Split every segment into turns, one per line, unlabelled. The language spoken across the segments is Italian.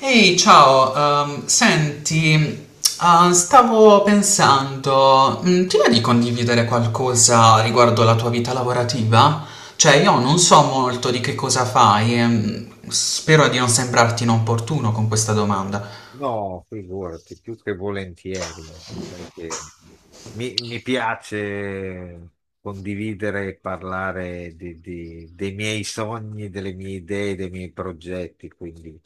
Ehi, ciao, senti, stavo pensando, ti va di condividere qualcosa riguardo la tua vita lavorativa? Cioè, io non so molto di che cosa fai, e, spero di non sembrarti inopportuno con questa domanda.
No, figurati, più che volentieri, perché mi piace condividere e parlare dei miei sogni, delle mie idee, dei miei progetti, quindi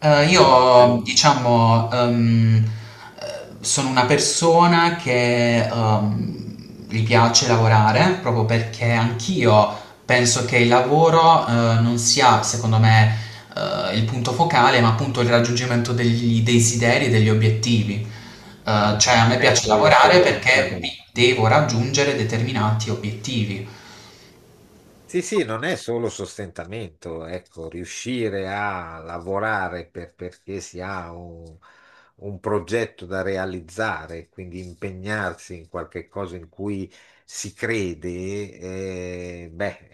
no,
Io,
eh,
diciamo, sono una persona che gli piace lavorare proprio perché anch'io penso che il lavoro non sia, secondo me, il punto focale, ma appunto il raggiungimento degli desideri e degli obiettivi.
sì, non
Cioè, a me
è
piace
solo
lavorare perché mi
sostentamento.
devo raggiungere determinati obiettivi.
Sì, sì, non è solo sostentamento, ecco, riuscire a lavorare perché si ha un progetto da realizzare, quindi impegnarsi in qualche cosa in cui si crede, beh,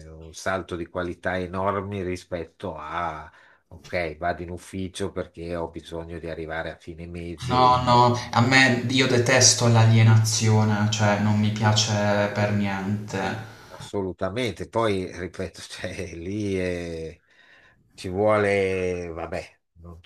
è un salto di qualità enorme rispetto a, ok, vado in ufficio perché ho bisogno di arrivare a fine
No,
mese.
no, a me io detesto l'alienazione, cioè non mi piace per niente.
Assolutamente, poi ripeto, cioè, lì ci vuole, vabbè,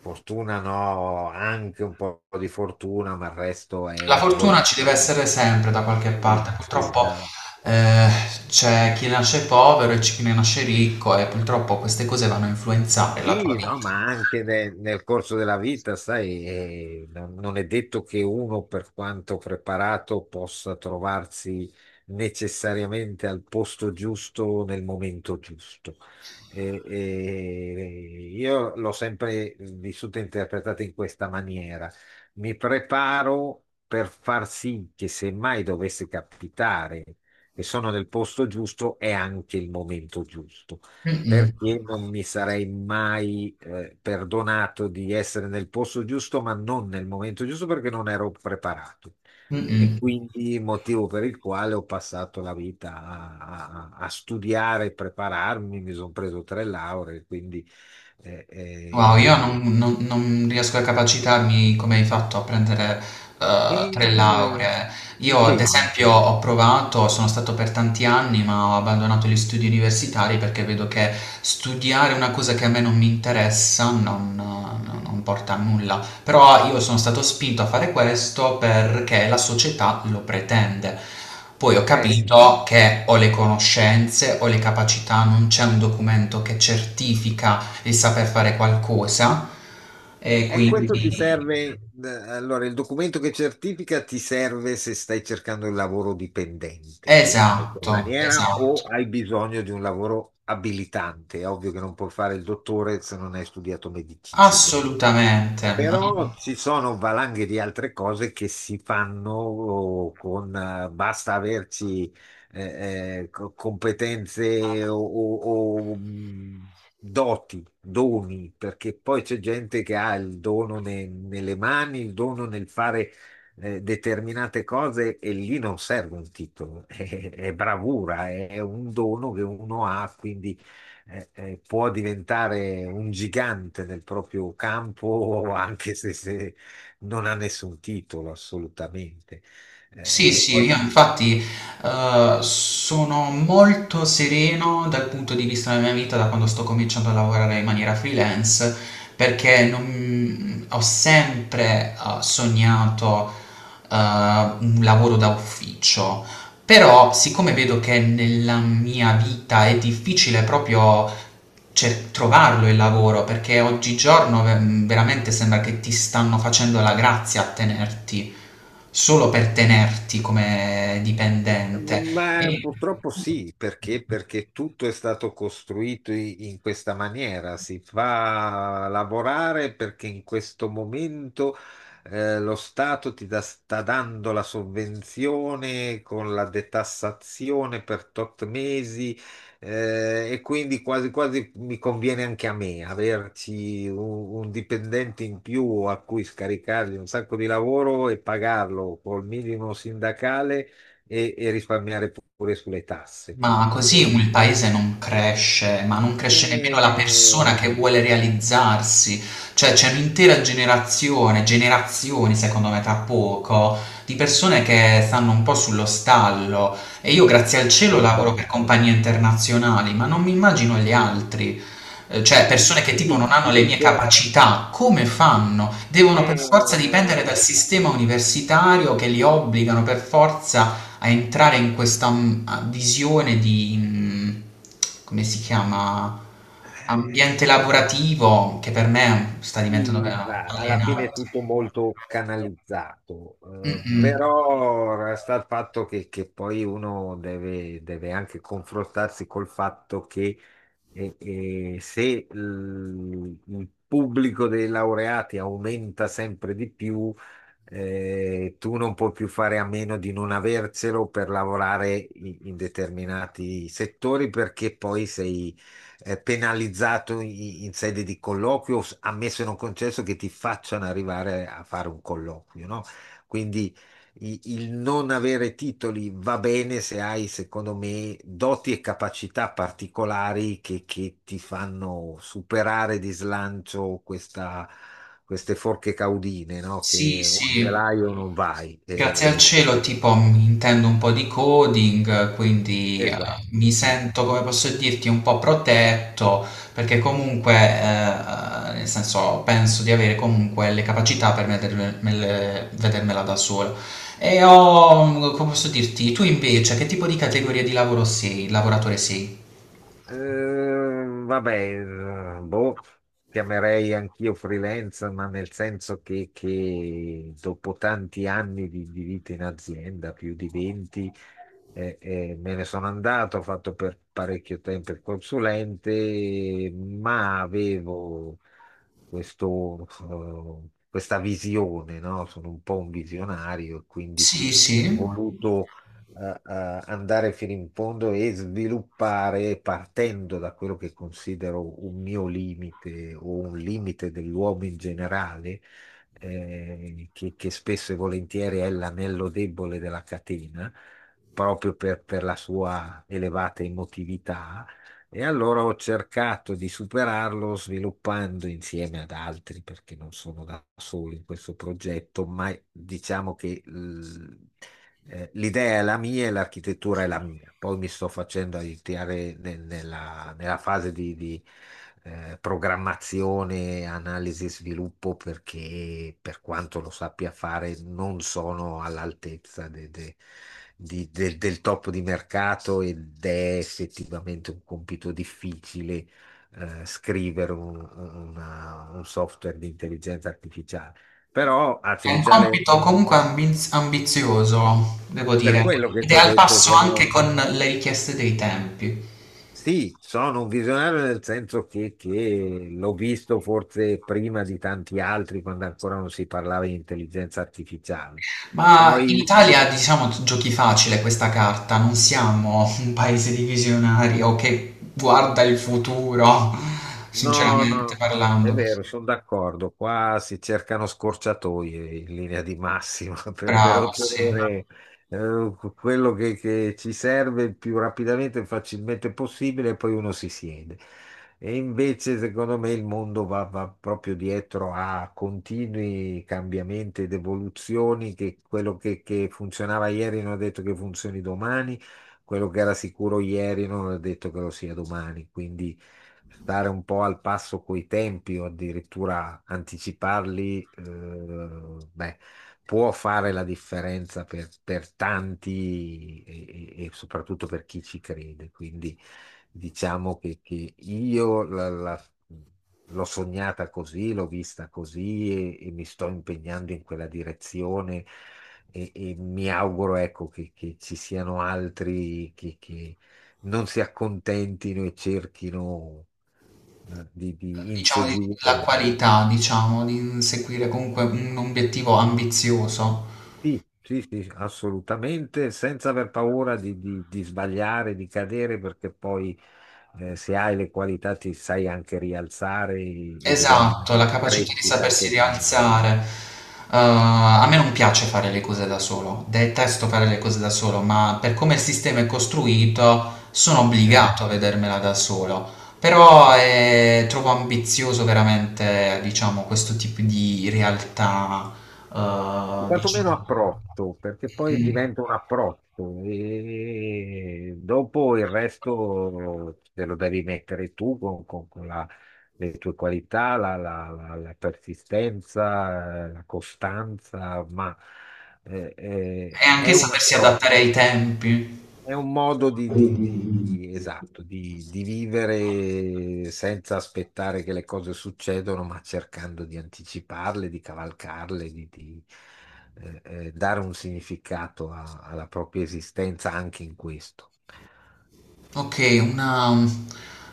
fortuna no, anche un po' di fortuna, ma il resto
La
è
fortuna ci
volontà.
deve essere sempre da qualche parte,
Sì, sì,
purtroppo eh, c'è chi nasce povero e c'è chi ne nasce ricco e purtroppo queste cose vanno a influenzare la tua
sì,
vita.
no, ma anche nel corso della vita, sai, non è detto che uno, per quanto preparato, possa trovarsi necessariamente al posto giusto nel momento giusto. E io l'ho sempre vissuta e interpretata in questa maniera. Mi preparo per far sì che se mai dovesse capitare che sono nel posto giusto, è anche il momento giusto
Mm-mm.
perché non mi sarei mai perdonato di essere nel posto giusto, ma non nel momento giusto perché non ero preparato. E
Mm-mm.
quindi motivo per il quale ho passato la vita a studiare, prepararmi, mi sono preso tre lauree, quindi eh,
Wow, io
eh,
non, non- non riesco a capacitarmi come hai fatto a prendere
e,
tre
eh,
lauree. Io, ad
impegni.
esempio, ho provato, sono stato per tanti anni, ma ho abbandonato gli studi universitari perché vedo che studiare una cosa che a me non mi interessa non porta a nulla. Però io sono stato spinto a fare questo perché la società lo pretende. Poi ho
Eh sì,
capito che ho le conoscenze, ho le capacità, non c'è un documento che certifica il saper fare qualcosa e
e questo ti
quindi
serve, allora il documento che certifica ti serve se stai cercando il lavoro dipendente in qualche
esatto,
maniera
esatto,
o hai bisogno di un lavoro abilitante. È ovvio che non puoi fare il dottore se non hai studiato medicina.
assolutamente. Mm.
Però ci sono valanghe di altre cose che si fanno oh, con, basta averci competenze o doti, doni, perché poi c'è gente che ha il dono nelle mani, il dono nel fare determinate cose e lì non serve un titolo, è bravura, è un dono che uno ha, quindi può diventare un gigante nel proprio campo, anche se, se non ha nessun titolo, assolutamente.
Sì,
Eh,
sì,
poi
io infatti sono molto sereno dal punto di vista della mia vita da quando sto cominciando a lavorare in maniera freelance perché ho sempre sognato un lavoro da ufficio. Però, siccome vedo che nella mia vita è difficile proprio trovarlo il lavoro, perché oggigiorno veramente sembra che ti stanno facendo la grazia a tenerti, solo per tenerti come dipendente.
ma
E
purtroppo sì, perché? Perché tutto è stato costruito in questa maniera. Si fa lavorare perché in questo momento lo Stato sta dando la sovvenzione con la detassazione per tot mesi, e quindi quasi quasi mi conviene anche a me averci un dipendente in più a cui scaricargli un sacco di lavoro e pagarlo col minimo sindacale e risparmiare pure sulle tasse.
Ma così
E,
il paese non cresce, ma non cresce nemmeno la persona
e-
che vuole realizzarsi. Cioè c'è un'intera generazione, generazioni secondo me tra poco, di persone che stanno un po' sullo stallo e io grazie al cielo lavoro per
Assolutamente.
compagnie internazionali, ma non mi immagino gli altri. Cioè persone che tipo non
Sì,
hanno
ti
le mie
dico,
capacità, come fanno? Devono per forza
eh,
dipendere dal sistema universitario che li obbligano per forza a entrare in questa visione di, come si chiama,
eh,
ambiente lavorativo che per me sta diventando
sì, va, alla fine
alienante.
è tutto molto canalizzato,
Mm-mm.
però resta il fatto che poi uno deve, deve anche confrontarsi col fatto che e se il, il pubblico dei laureati aumenta sempre di più, tu non puoi più fare a meno di non avercelo per lavorare in determinati settori perché poi sei, penalizzato in sede di colloquio, ammesso e non concesso che ti facciano arrivare a fare un colloquio, no? Quindi il non avere titoli va bene se hai, secondo me, doti e capacità particolari che ti fanno superare di slancio queste forche caudine, no?
Sì,
Che o ce
sì.
l'hai o non vai.
Grazie al cielo, tipo, mi intendo un po' di coding, quindi
Esatto.
mi
Eh.
sento, come posso dirti, un po' protetto, perché comunque, nel senso, penso di avere comunque le capacità per vedermela da sola. E ho, come posso dirti, tu invece, che tipo di categoria di lavoro sei, lavoratore sei?
Vabbè, eh, boh, chiamerei anch'io freelance, ma nel senso che dopo tanti anni di vita in azienda, più di 20, me ne sono andato, ho fatto per parecchio tempo il consulente, ma avevo questo, questa visione, no? Sono un po' un visionario, quindi
Sì, sì.
ho voluto andare fino in fondo e sviluppare partendo da quello che considero un mio limite o un limite dell'uomo in generale, che spesso e volentieri è l'anello debole della catena, proprio per la sua elevata emotività, e allora ho cercato di superarlo sviluppando insieme ad altri, perché non sono da solo in questo progetto, ma diciamo che l'idea è la mia e l'architettura è la mia. Poi mi sto facendo aiutare nella fase di programmazione, analisi e sviluppo, perché per quanto lo sappia fare non sono all'altezza del top di mercato ed è effettivamente un compito difficile scrivere un software di intelligenza artificiale. Però
È un
artificiale,
compito comunque ambizioso, devo
per
dire,
quello che
ed
ti
è
ho
al
detto,
passo anche
sono,
con le richieste dei tempi.
sì, sono un visionario nel senso che l'ho visto forse prima di tanti altri quando ancora non si parlava di intelligenza artificiale.
Ma in
Poi
Italia, diciamo, giochi facile questa carta, non siamo un paese di visionari o che guarda il futuro,
no,
sinceramente
no, è
parlando.
vero, sono d'accordo. Qua si cercano scorciatoie in linea di massima per
Bravo, sì.
ottenere quello che ci serve il più rapidamente e facilmente possibile, e poi uno si siede. E invece, secondo me, il mondo va proprio dietro a continui cambiamenti ed evoluzioni che quello che funzionava ieri non è detto che funzioni domani, quello che era sicuro ieri non è detto che lo sia domani, quindi stare un po' al passo coi tempi o addirittura anticiparli, beh, può fare la differenza per tanti e soprattutto per chi ci crede. Quindi diciamo che io l'ho sognata così, l'ho vista così, e mi sto impegnando in quella direzione. E mi auguro, ecco, che ci siano altri che non si accontentino e cerchino di
Diciamo di-
inseguire.
la qualità, diciamo, di seguire comunque un obiettivo ambizioso.
Sì, sì, sì, assolutamente, senza aver paura di sbagliare, di cadere, perché poi se hai le qualità ti sai anche rialzare e diventa
Esatto, la capacità di
crescita
sapersi
anche tu.
rialzare. A me non piace fare le cose da solo, detesto fare le cose da solo, ma per come il sistema è costruito sono
Eh.
obbligato a vedermela da solo. Però trovo ambizioso veramente, diciamo, questo tipo di realtà,
O quantomeno
diciamo.
approccio, perché poi
Mm.
diventa un approccio e dopo il resto te lo devi mettere tu con le tue qualità, la persistenza, la costanza, ma
E anche
è un
sapersi
approccio.
adattare ai tempi.
È un modo di esatto, di vivere senza aspettare che le cose succedano, ma cercando di anticiparle, di cavalcarle, dare un significato alla propria esistenza anche in questo.
Ok, una,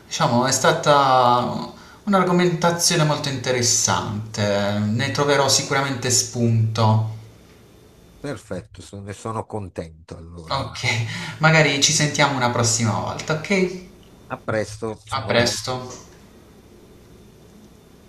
diciamo, è stata un'argomentazione molto interessante, ne troverò sicuramente spunto.
Perfetto, ne sono contento allora.
Ok, magari ci sentiamo una prossima volta, ok?
A presto,
A
ciao.
presto.